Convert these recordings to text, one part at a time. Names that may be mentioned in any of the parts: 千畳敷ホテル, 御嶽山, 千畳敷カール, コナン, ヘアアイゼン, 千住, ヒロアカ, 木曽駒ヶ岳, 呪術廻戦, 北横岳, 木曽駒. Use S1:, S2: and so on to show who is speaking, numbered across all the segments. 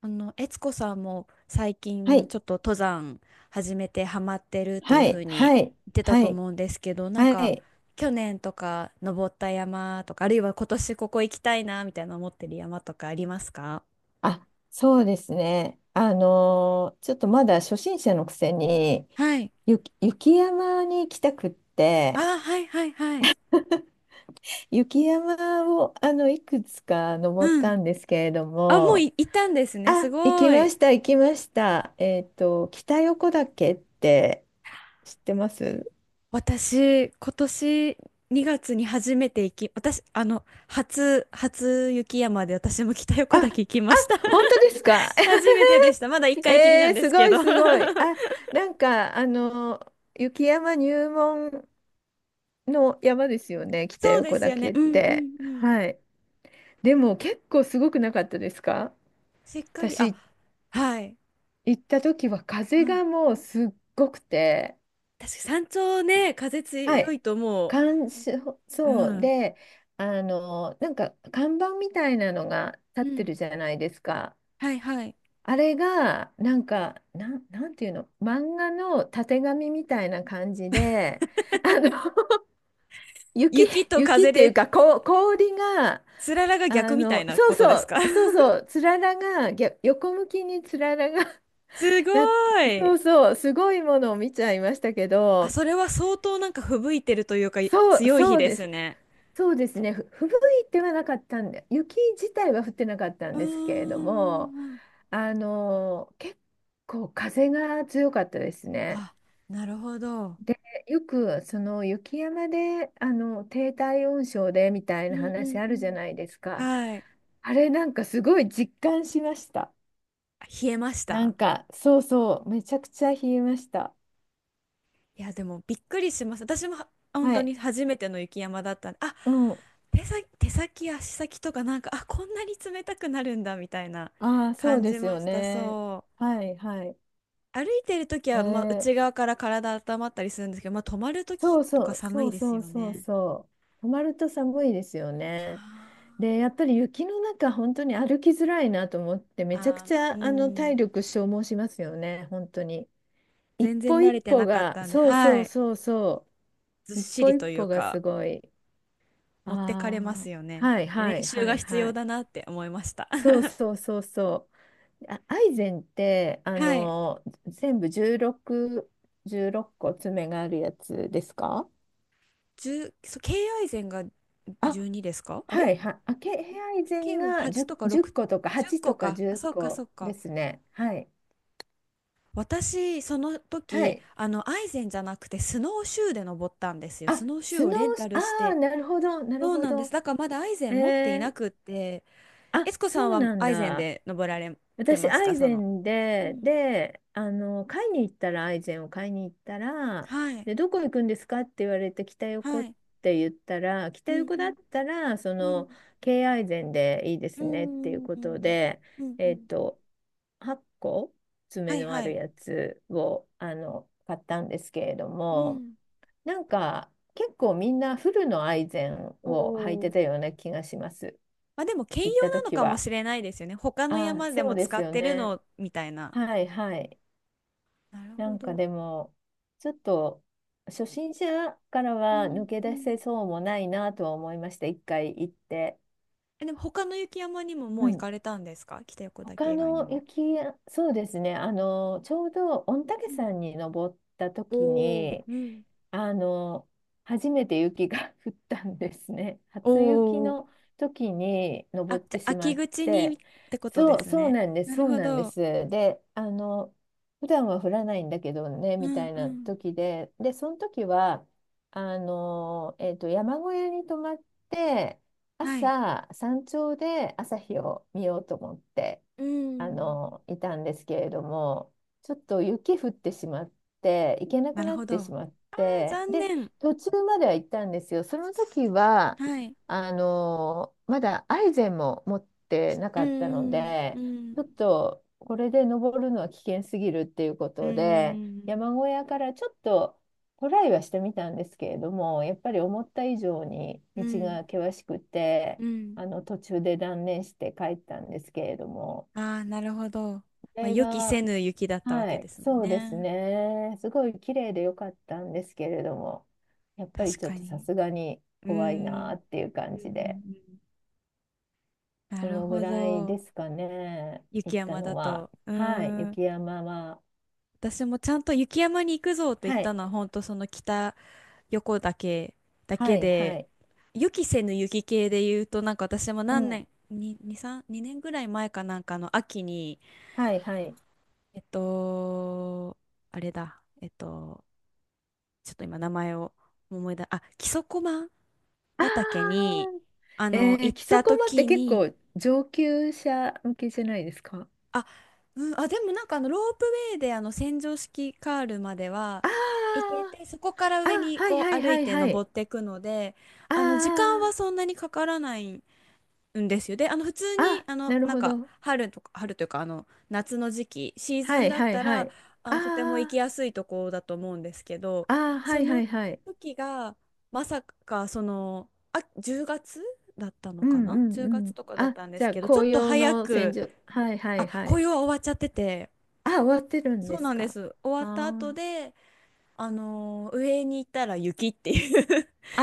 S1: 悦子さんも最
S2: は
S1: 近
S2: い、
S1: ちょっと登山始めてハマってるっていう
S2: はい、
S1: 風に
S2: はい、
S1: 言ってた
S2: は
S1: と
S2: い、
S1: 思うんですけど、なん
S2: は
S1: か
S2: い。
S1: 去年とか登った山とか、あるいは今年ここ行きたいなみたいな思ってる山とかありますか？
S2: あ、そうですね。ちょっとまだ初心者のくせに、
S1: はい。
S2: 雪山に行きたくって、
S1: あはいはいはい。
S2: 雪山をいくつか登っ
S1: うん。
S2: たんですけれど
S1: あ、もう
S2: も、
S1: い、行ったんですね。
S2: あ、
S1: す
S2: 行き
S1: ご
S2: ま
S1: い。
S2: した、行きました。北横岳って知ってます？
S1: 私、今年2月に初めて行き、私、初雪山で私も北
S2: あ、
S1: 横
S2: あ、
S1: 岳行きました。
S2: 本当ですか
S1: 初めてでした。まだ一 回きりな
S2: え
S1: ん
S2: ー、
S1: で
S2: す
S1: す
S2: ご
S1: け
S2: い
S1: ど。
S2: すごい。あ、なんか、雪山入門の山ですよね、北
S1: そうで
S2: 横
S1: すよ
S2: 岳
S1: ね。
S2: っ
S1: うんう
S2: て。
S1: んうん。
S2: はい。でも結構すごくなかったですか？
S1: しっかり、あ、
S2: 私
S1: はい。
S2: 行った時は
S1: う
S2: 風
S1: ん。
S2: がもうすっごくて、
S1: 確かに山頂ね、風
S2: は
S1: 強
S2: い。
S1: いとも
S2: 感想、
S1: う、う
S2: そう
S1: ん。
S2: で、なんか看板みたいなのが
S1: う
S2: 立って
S1: ん。
S2: るじゃないですか。
S1: はいはい。
S2: あれが、なんか、なんていうの、漫画のたてがみみたいな感じで、あの、雪、
S1: 雪と
S2: 雪っ
S1: 風
S2: ていう
S1: で、
S2: か、こう、氷が、
S1: つららが逆みたいな
S2: そう
S1: ことで
S2: そ
S1: すか？
S2: う、そうそう、つららが、逆横向きにつららが、
S1: す ご
S2: な、そ
S1: い。
S2: うそう、すごいものを見ちゃいましたけ
S1: あ、
S2: ど、
S1: それは相当なんか吹雪いてるというか、強い日
S2: そう
S1: で
S2: で
S1: す
S2: す。
S1: ね。
S2: そうですね。吹雪いてはなかったんで、雪自体は降ってなかったん
S1: う
S2: ですけれど
S1: ー
S2: も、
S1: ん。
S2: 結構風が強かったですね。
S1: あ、なるほど。
S2: で、よくその雪山で低体温症でみたい
S1: う
S2: な
S1: んう
S2: 話
S1: ん
S2: あ
S1: う
S2: るじゃ
S1: ん。
S2: ないですか。
S1: はい。
S2: あれなんかすごい実感しました。
S1: 冷えまし
S2: な
S1: た？
S2: んかそうそう、めちゃくちゃ冷えました。
S1: いや、でもびっくりします。私もは本
S2: は
S1: 当
S2: い。
S1: に初めての雪山だったんで、あ、
S2: うん。
S1: 手先、足先とかなんか、あ、こんなに冷たくなるんだみたいな
S2: ああ、そう
S1: 感
S2: で
S1: じ
S2: す
S1: ま
S2: よ
S1: した。
S2: ね。
S1: そう。
S2: はいはい。
S1: 歩いてるとき
S2: え
S1: は、まあ、
S2: ー
S1: 内側から体温まったりするんですけど、まあ、止まるとき
S2: そう
S1: と
S2: そ
S1: か
S2: う
S1: 寒
S2: そ
S1: い
S2: う
S1: です
S2: そう
S1: よ
S2: そう
S1: ね。
S2: そう。止まると寒いですよね。
S1: あ
S2: で、やっぱり雪の中、本当に歩きづらいなと思って、
S1: ー
S2: めちゃく
S1: あ
S2: ち
S1: ー、う
S2: ゃ体
S1: ん。
S2: 力消耗しますよね、本当に。一
S1: 全然
S2: 歩
S1: 慣
S2: 一
S1: れて
S2: 歩
S1: なかっ
S2: が、
S1: たんで、
S2: そうそ
S1: は
S2: う
S1: い。
S2: そうそ
S1: ずっ
S2: う、一
S1: し
S2: 歩
S1: り
S2: 一
S1: という
S2: 歩がす
S1: か、
S2: ごい。
S1: 持ってかれま
S2: あ
S1: すよ
S2: あ、
S1: ね。
S2: はい
S1: 練
S2: はい
S1: 習
S2: は
S1: が
S2: い
S1: 必
S2: は
S1: 要
S2: い。
S1: だなって思いました。
S2: そう そうそうそう。あ、アイゼンって、
S1: はい。
S2: 全部16個爪があるやつですか？
S1: 10、そう、敬愛膳が
S2: あ、
S1: 12ですか、あ
S2: は
S1: れ。
S2: いはい。あ、ヘアアイゼン
S1: 敬は
S2: が
S1: 8とか6、
S2: 10、個とか
S1: 10
S2: 8と
S1: 個
S2: か
S1: か。
S2: 10
S1: あ、そうか、そ
S2: 個
S1: う
S2: で
S1: か。
S2: すね。はい。
S1: 私、その
S2: は
S1: 時、
S2: い。
S1: アイゼンじゃなくて、スノーシューで登ったんですよ。
S2: あ、
S1: スノーシュー
S2: ス
S1: を
S2: ノー、
S1: レンタル
S2: あ
S1: し
S2: あ、
S1: て。
S2: なるほど、なる
S1: そう
S2: ほ
S1: なんです。
S2: ど。
S1: だからまだアイゼ
S2: え
S1: ン持ってい
S2: ー、
S1: なくって、
S2: あ、
S1: エツコさ
S2: そ
S1: ん
S2: う
S1: は
S2: なん
S1: アイゼン
S2: だ。
S1: で登られて
S2: 私、
S1: ます
S2: ア
S1: か、
S2: イ
S1: そ
S2: ゼ
S1: の？
S2: ン
S1: う
S2: で、
S1: ん。
S2: 買いに行ったら、アイゼンを買いに行ったら、
S1: はい。
S2: で、どこ行くんですかって言われて、北横っ
S1: はい。
S2: て言ったら、北
S1: うん
S2: 横
S1: う
S2: だっ
S1: ん
S2: たら、
S1: うん。
S2: 京アイゼンでいいで
S1: う
S2: すねっていう
S1: んうん
S2: こ
S1: う
S2: と
S1: ん。
S2: で、
S1: うんう
S2: えっ
S1: ん。
S2: と、8個
S1: は
S2: 爪
S1: い
S2: のあ
S1: は
S2: る
S1: い。
S2: やつを、買ったんですけれど
S1: う
S2: も、
S1: ん。
S2: なんか、結構みんなフルのアイゼンを履いて
S1: お、
S2: たような気がします。
S1: まあでも兼用
S2: 行った
S1: なの
S2: 時
S1: かも
S2: は。
S1: しれないですよね。他の
S2: ああ、
S1: 山で
S2: そう
S1: も
S2: で
S1: 使
S2: す
S1: っ
S2: よ
S1: てる
S2: ね。
S1: のみたいな。
S2: はいはい。
S1: なる
S2: な
S1: ほ
S2: んか
S1: ど。
S2: でも、ちょっと初心者から
S1: う
S2: は
S1: ん
S2: 抜け出
S1: うん、
S2: せそうもないなとは思いました。一回行って。
S1: え、でも他の雪山にもも
S2: う
S1: う行
S2: ん、
S1: かれたんですか？北横岳
S2: 他
S1: 以外に
S2: の
S1: も。
S2: 雪や、そうですね、ちょうど御嶽
S1: うん、
S2: 山に登った時
S1: おー
S2: に、
S1: うん。
S2: あの、初めて雪が 降ったんですね。
S1: お
S2: 初雪
S1: ー、
S2: の時に
S1: あ、
S2: 登っ
S1: じ
S2: て
S1: ゃあ
S2: しま
S1: 秋
S2: っ
S1: 口にっ
S2: て、
S1: てことです
S2: そう
S1: ね。
S2: なんです、
S1: なる
S2: そう
S1: ほ
S2: なんで
S1: ど。
S2: す。で、普段は降らないんだけどね、
S1: う
S2: みた
S1: ん
S2: い
S1: う
S2: な
S1: ん。
S2: 時で、その時は、山小屋に泊まって、
S1: はい。
S2: 朝、山頂で朝日を見ようと思って。
S1: うん、
S2: いたんですけれども、ちょっと雪降ってしまって、行けなく
S1: なる
S2: なっ
S1: ほど。
S2: てし
S1: あ、
S2: まって、
S1: 残
S2: で、
S1: 念。
S2: 途中までは行ったんですよ。その時は、
S1: はい。
S2: まだアイゼンも持ってな
S1: う
S2: かったの
S1: んう
S2: で、ちょっ
S1: ん
S2: とこれで登るのは危険すぎるっていうこ
S1: うんう
S2: とで、
S1: ん
S2: 山小屋からちょっとトライはしてみたんですけれども、やっぱり思った以上に
S1: うん
S2: 道
S1: うん
S2: が険しくて、
S1: うんうん、
S2: 途中で断念して帰ったんですけれども。
S1: ああ、なるほど。
S2: こ
S1: まあ、
S2: れ
S1: 予期せ
S2: が、
S1: ぬ雪だったわ
S2: は
S1: けで
S2: い、
S1: すもん
S2: そうです
S1: ね。
S2: ね。すごい綺麗でよかったんですけれども、やっぱり
S1: 確
S2: ちょっ
S1: か
S2: とさ
S1: に。
S2: すがに
S1: うー
S2: 怖い
S1: ん。う
S2: な
S1: ん
S2: っていう感
S1: うんう
S2: じで、
S1: ん、な
S2: そ
S1: る
S2: のぐ
S1: ほ
S2: らい
S1: ど。
S2: ですかね、行
S1: 雪
S2: った
S1: 山だ
S2: のは。
S1: と。う
S2: はい、
S1: ーん。
S2: 雪山は、
S1: 私もちゃんと雪山に行くぞと言っ
S2: は
S1: た
S2: い、
S1: のは、本当その北横岳だ
S2: は
S1: け
S2: い、は
S1: で、
S2: い、
S1: 予期せぬ雪系で言うと、なんか私も
S2: う
S1: 何
S2: ん、
S1: 年、2年ぐらい前かなんかの秋に、
S2: はい、はい。
S1: えっと、あれだ、ちょっと今名前を思い出、あ、木曽駒
S2: あ
S1: ヶ岳に、
S2: ーえ
S1: 行っ
S2: 木曽
S1: た
S2: 駒って
S1: 時
S2: 結
S1: に、
S2: 構上級者向けじゃないですか？
S1: あ、うん、あ、でもなんかロープウェイで洗浄式カールまでは
S2: あ
S1: 行
S2: ー
S1: けて、そこから
S2: あ、
S1: 上に
S2: はい
S1: こ
S2: は
S1: う
S2: い
S1: 歩
S2: は
S1: い
S2: い
S1: て
S2: はい。
S1: 登っていくので、
S2: あ
S1: 時間は
S2: ー
S1: そんなにかからないうんですよ。で、普通に
S2: あ、なる
S1: なん
S2: ほ
S1: か
S2: ど。
S1: 春というか夏の時期シーズ
S2: は
S1: ン
S2: い
S1: だっ
S2: はい
S1: た
S2: は
S1: ら
S2: い。
S1: とても行き
S2: あ
S1: やすいところだと思うんですけど、
S2: あ、ああ、は
S1: そ
S2: いは
S1: の
S2: いはい。
S1: 時がまさかあ、10月だったの
S2: う
S1: か
S2: んう
S1: な、
S2: ん
S1: 10
S2: う
S1: 月
S2: ん。
S1: とかだっ
S2: あ、
S1: たんで
S2: じゃ
S1: す
S2: あ
S1: けど、ちょっ
S2: 紅
S1: と
S2: 葉
S1: 早
S2: の千
S1: く、
S2: 住。はいは
S1: あ、
S2: いは
S1: 紅
S2: い。
S1: 葉は終わっちゃってて、
S2: あ、終わってるんで
S1: そうな
S2: す
S1: んで
S2: か？
S1: す、終わった後
S2: あ
S1: で上に行ったら雪っていう
S2: あ。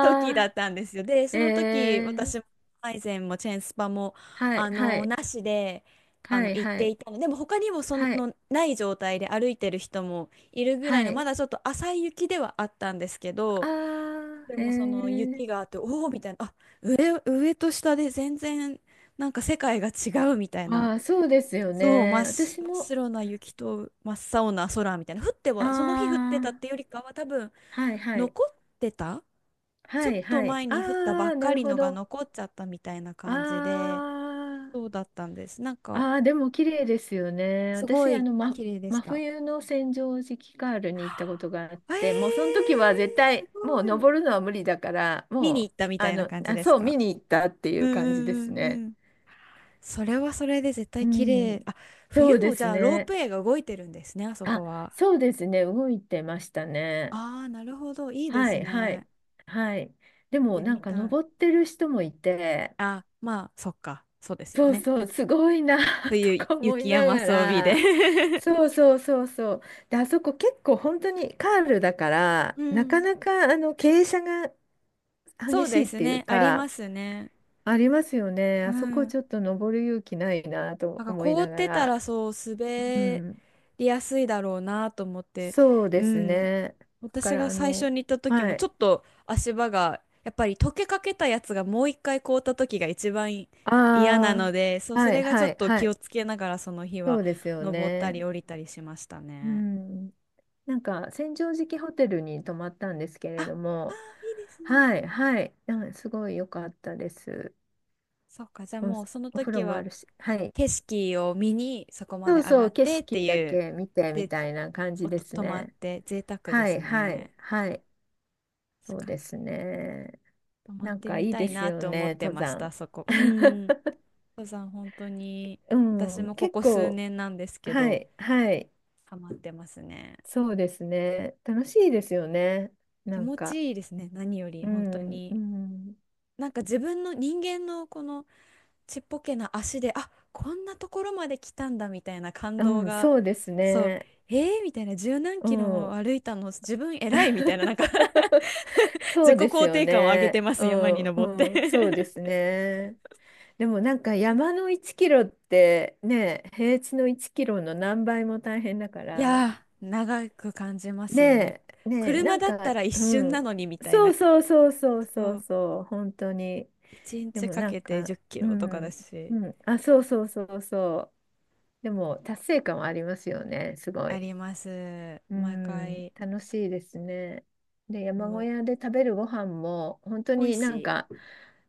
S1: 時だ
S2: あ、
S1: ったんですよ。で、その時、
S2: ええ
S1: 私も、アイゼンもチェーンスパも、
S2: はいはい
S1: なしで、
S2: はい
S1: 行っ
S2: は
S1: て
S2: い
S1: いたの。でも、他にも、
S2: はい
S1: ない状態で歩いてる人もいるぐらい
S2: は
S1: の、ま
S2: い。
S1: だちょっと浅い雪ではあったんですけど、
S2: あ
S1: で
S2: あ、
S1: も、
S2: え
S1: 雪があ
S2: え
S1: って、おおみたいな、あ、上と下で全然、なんか世界が違うみたいな。
S2: ああ、そうですよ
S1: そう、真
S2: ね。
S1: っ白、
S2: 私
S1: 真っ
S2: も、
S1: 白な雪と真っ青な空みたいな。降って
S2: あ
S1: は、その日降ってたっ
S2: あ、
S1: てよりかは、多分、
S2: はいはい
S1: 残ってたち
S2: は
S1: ょっ
S2: い
S1: と
S2: はい。
S1: 前に降ったば
S2: ああ、
S1: っ
S2: な
S1: か
S2: る
S1: り
S2: ほ
S1: のが
S2: ど。
S1: 残っちゃったみたいな感じ
S2: あ
S1: で、そう
S2: あ。
S1: だったんです。なんか、
S2: ああ、でも綺麗ですよね。
S1: すご
S2: 私、
S1: い綺麗でし
S2: 真
S1: た。
S2: 冬の千畳敷カールに行った
S1: は
S2: ことがあっ
S1: あ
S2: て、もうその
S1: え
S2: 時は絶
S1: ー、す
S2: 対、もう
S1: ごい。
S2: 登るのは無理だから、
S1: 見に
S2: も
S1: 行った
S2: う、
S1: みたいな感じ
S2: あ、
S1: です
S2: そう、
S1: か？
S2: 見に行ったってい
S1: うん
S2: う感じで
S1: うん
S2: す
S1: うん
S2: ね。
S1: うん。それはそれで絶
S2: う
S1: 対綺麗。
S2: ん。
S1: あ、
S2: そ
S1: 冬
S2: うで
S1: もじ
S2: す
S1: ゃあロー
S2: ね。
S1: プウェイが動いてるんですね、あそ
S2: あ、
S1: こは。
S2: そうですね。動いてましたね。
S1: ああ、なるほど。いいで
S2: は
S1: す
S2: い、は
S1: ね。
S2: い、はい。
S1: 行っ
S2: でも、
S1: て
S2: なん
S1: み
S2: か
S1: た
S2: 登っ
S1: い。
S2: てる人もいて、
S1: あ、まあ、そっか。そうですよ
S2: そう
S1: ね。
S2: そう、すごいな と
S1: 冬、
S2: か思い
S1: 雪
S2: な
S1: 山
S2: が
S1: 装備で
S2: ら、そうそうそうそう。で、あそこ結構本当にカールだから、
S1: う
S2: なか
S1: ん。
S2: なか傾斜が
S1: そ
S2: 激
S1: う
S2: しい
S1: で
S2: っ
S1: す
S2: ていう
S1: ね。ありま
S2: か、
S1: すね。
S2: ありますよね。
S1: う
S2: あそこ
S1: ん。
S2: ちょっと登る勇気ないな
S1: な
S2: と
S1: んか
S2: 思い
S1: 凍
S2: な
S1: っ
S2: が
S1: てた
S2: ら。
S1: らそう
S2: う
S1: 滑
S2: ん、
S1: りやすいだろうなと思って。
S2: そうで
S1: う
S2: す
S1: ん。
S2: ね。だか
S1: 私
S2: ら
S1: が最初に行った時
S2: は
S1: もちょ
S2: い。
S1: っと足場がやっぱり溶けかけたやつがもう一回凍った時が一番
S2: あ
S1: 嫌なので、そう、
S2: あ、
S1: そ
S2: はい
S1: れがちょ
S2: は
S1: っ
S2: い
S1: と
S2: は
S1: 気
S2: い。
S1: をつけながらその日
S2: そ
S1: は
S2: うですよ
S1: 登ったり
S2: ね。
S1: 降りたりしました
S2: う
S1: ね。
S2: ん。なんか、千畳敷ホテルに泊まったんですけ
S1: あ
S2: れ
S1: あ
S2: ども、
S1: ー、いいですね。
S2: はい、はい、うんすごい良かったです。
S1: そっか、じゃあ
S2: お、
S1: もうその
S2: お風
S1: 時
S2: 呂もあ
S1: は
S2: るし、はい。
S1: 景色を見にそこま
S2: そ
S1: で
S2: う
S1: 上
S2: そ
S1: が
S2: う、
S1: っ
S2: 景
S1: てって
S2: 色だ
S1: いう。
S2: け見てみ
S1: で、
S2: たいな感じ
S1: お
S2: で
S1: と
S2: す
S1: 泊まっ
S2: ね。
S1: て贅沢で
S2: は
S1: す
S2: い、は
S1: ね。
S2: い、はい。そう
S1: 確か
S2: で
S1: に。
S2: すね。
S1: 泊まっ
S2: なん
S1: て
S2: か
S1: み
S2: いい
S1: た
S2: で
S1: い
S2: す
S1: な
S2: よ
S1: と思っ
S2: ね、
S1: て
S2: 登
S1: まし
S2: 山。
S1: た、そこ。うん。登山本当に
S2: う
S1: 私
S2: ん、
S1: もこ
S2: 結
S1: こ数
S2: 構、
S1: 年なんですけ
S2: は
S1: ど、
S2: い、はい。
S1: ハマってますね。
S2: そうですね。楽しいですよね。
S1: 気
S2: なん
S1: 持
S2: か、
S1: ちいいですね、何より
S2: う
S1: 本当
S2: ん、う
S1: に。
S2: ん、
S1: なんか自分の人間のこのちっぽけな足で、あ、こんなところまで来たんだみたいな感
S2: う
S1: 動
S2: ん、
S1: が、
S2: そうです
S1: そう、
S2: ね。
S1: えー、みたいな、十何
S2: う
S1: キロ
S2: ん。
S1: も歩いたの、自分偉いみたいな、なんか
S2: そ
S1: 自
S2: う
S1: 己
S2: です
S1: 肯
S2: よ
S1: 定感を上げて
S2: ね。
S1: ま
S2: う
S1: す、山に
S2: ん、
S1: 登って
S2: うん、そうですね。でもなんか山の1キロってね、平地の1キロの何倍も大変だか
S1: い
S2: ら、
S1: やー、長く感じます
S2: ね
S1: よね。
S2: え、ねえ、な
S1: 車
S2: ん
S1: だった
S2: か、
S1: ら一
S2: う
S1: 瞬な
S2: ん、
S1: のにみたい
S2: そ
S1: な。
S2: うそうそうそうそ
S1: そ
S2: う
S1: う、
S2: そう、本当に。
S1: 1
S2: で
S1: 日
S2: も
S1: か
S2: なん
S1: けて
S2: か、
S1: 10キ
S2: う
S1: ロとかだ
S2: ん、
S1: し、
S2: うん、あ、そうそうそうそう。でも達成感はありますよね、すご
S1: あ
S2: い。
S1: ります。
S2: う
S1: 毎
S2: ん、
S1: 回、
S2: 楽しいですね。で、山
S1: も
S2: 小
S1: う、
S2: 屋で食べるご飯も、本当
S1: 美味
S2: に
S1: し
S2: なんか、
S1: い。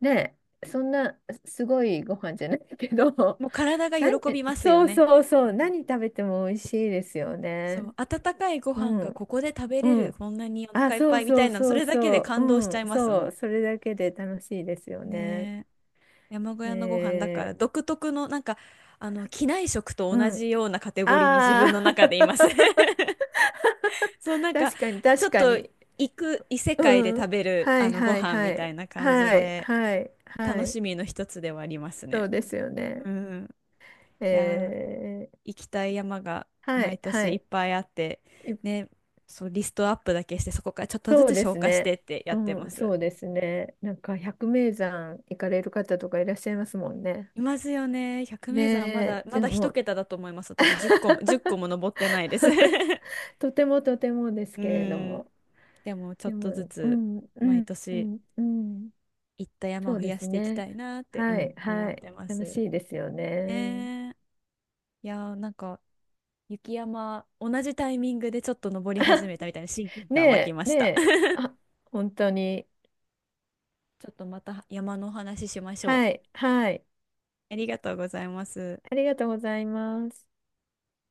S2: ね、そんなすごいご飯じゃないけど、
S1: もう体が
S2: な
S1: 喜びますよ
S2: そう
S1: ね。
S2: そうそ
S1: う
S2: う、
S1: ん、
S2: 何食べても美味しいですよ
S1: そ
S2: ね。
S1: う、温かいご
S2: う
S1: 飯が
S2: ん、
S1: ここで食べれ
S2: う
S1: る、
S2: ん。
S1: こんなにお
S2: あ、
S1: 腹いっ
S2: そ
S1: ぱ
S2: う
S1: いみた
S2: そう
S1: いな、そ
S2: そう
S1: れだけで
S2: そう、
S1: 感動
S2: う
S1: しちゃ
S2: ん、
S1: います
S2: そう、
S1: も
S2: それだけで楽しいですよ
S1: ん。
S2: ね。
S1: ねえ、山小屋のご飯だか
S2: え
S1: ら独特のなんか、機内食と
S2: ー、う
S1: 同
S2: ん。
S1: じようなカテゴリーに自
S2: あ
S1: 分の
S2: あ、
S1: 中でいます。そう、なんか、
S2: 確かに
S1: ちょ
S2: 確
S1: っ
S2: か
S1: と
S2: に。
S1: 行く異世界で
S2: う
S1: 食
S2: ん。
S1: べる、
S2: はい
S1: ご
S2: はい
S1: 飯
S2: は
S1: みた
S2: い。
S1: いな感じ
S2: はい
S1: で、
S2: はいは
S1: 楽
S2: い。
S1: しみの一つではあります
S2: そう
S1: ね。
S2: ですよね。
S1: うん。
S2: え
S1: いやー、
S2: ー、
S1: 行きたい山が
S2: は
S1: 毎
S2: いは
S1: 年いっ
S2: い。
S1: ぱいあって、
S2: い
S1: ね、そう、リストアップだけして、そこからちょっとず
S2: そう
S1: つ
S2: で
S1: 消
S2: す
S1: 化して
S2: ね。
S1: ってやって
S2: う
S1: ま
S2: ん、そ
S1: す。
S2: うですね。なんか百名山行かれる方とかいらっしゃいますもんね。
S1: いますよね。百名山はま
S2: ねえ、
S1: だ、ま
S2: で
S1: だ一
S2: も、
S1: 桁だと思います。私10個も、1個も登ってないです。
S2: とてもとてもです
S1: う
S2: けれど
S1: ん。
S2: も。
S1: でも、ちょっ
S2: で
S1: とず
S2: も、う
S1: つ
S2: ん、う
S1: 毎
S2: ん、う
S1: 年
S2: ん、うん。
S1: 行った山を
S2: そう
S1: 増
S2: で
S1: や
S2: す
S1: していき
S2: ね。
S1: たいなって、う
S2: は
S1: ん、
S2: い
S1: 思
S2: は
S1: っ
S2: い。
S1: てま
S2: 楽
S1: す。
S2: しいですよね。
S1: ねえ。いやー、なんか、雪山、同じタイミングでちょっと登り始めたみたいな親近
S2: ね
S1: 感湧き
S2: え、
S1: ま
S2: ね
S1: した。
S2: え、あ、本当に。
S1: ちょっとまた山のお話ししましょ
S2: は
S1: う。
S2: い、はい。
S1: ありがとうございます。
S2: ありがとうございます。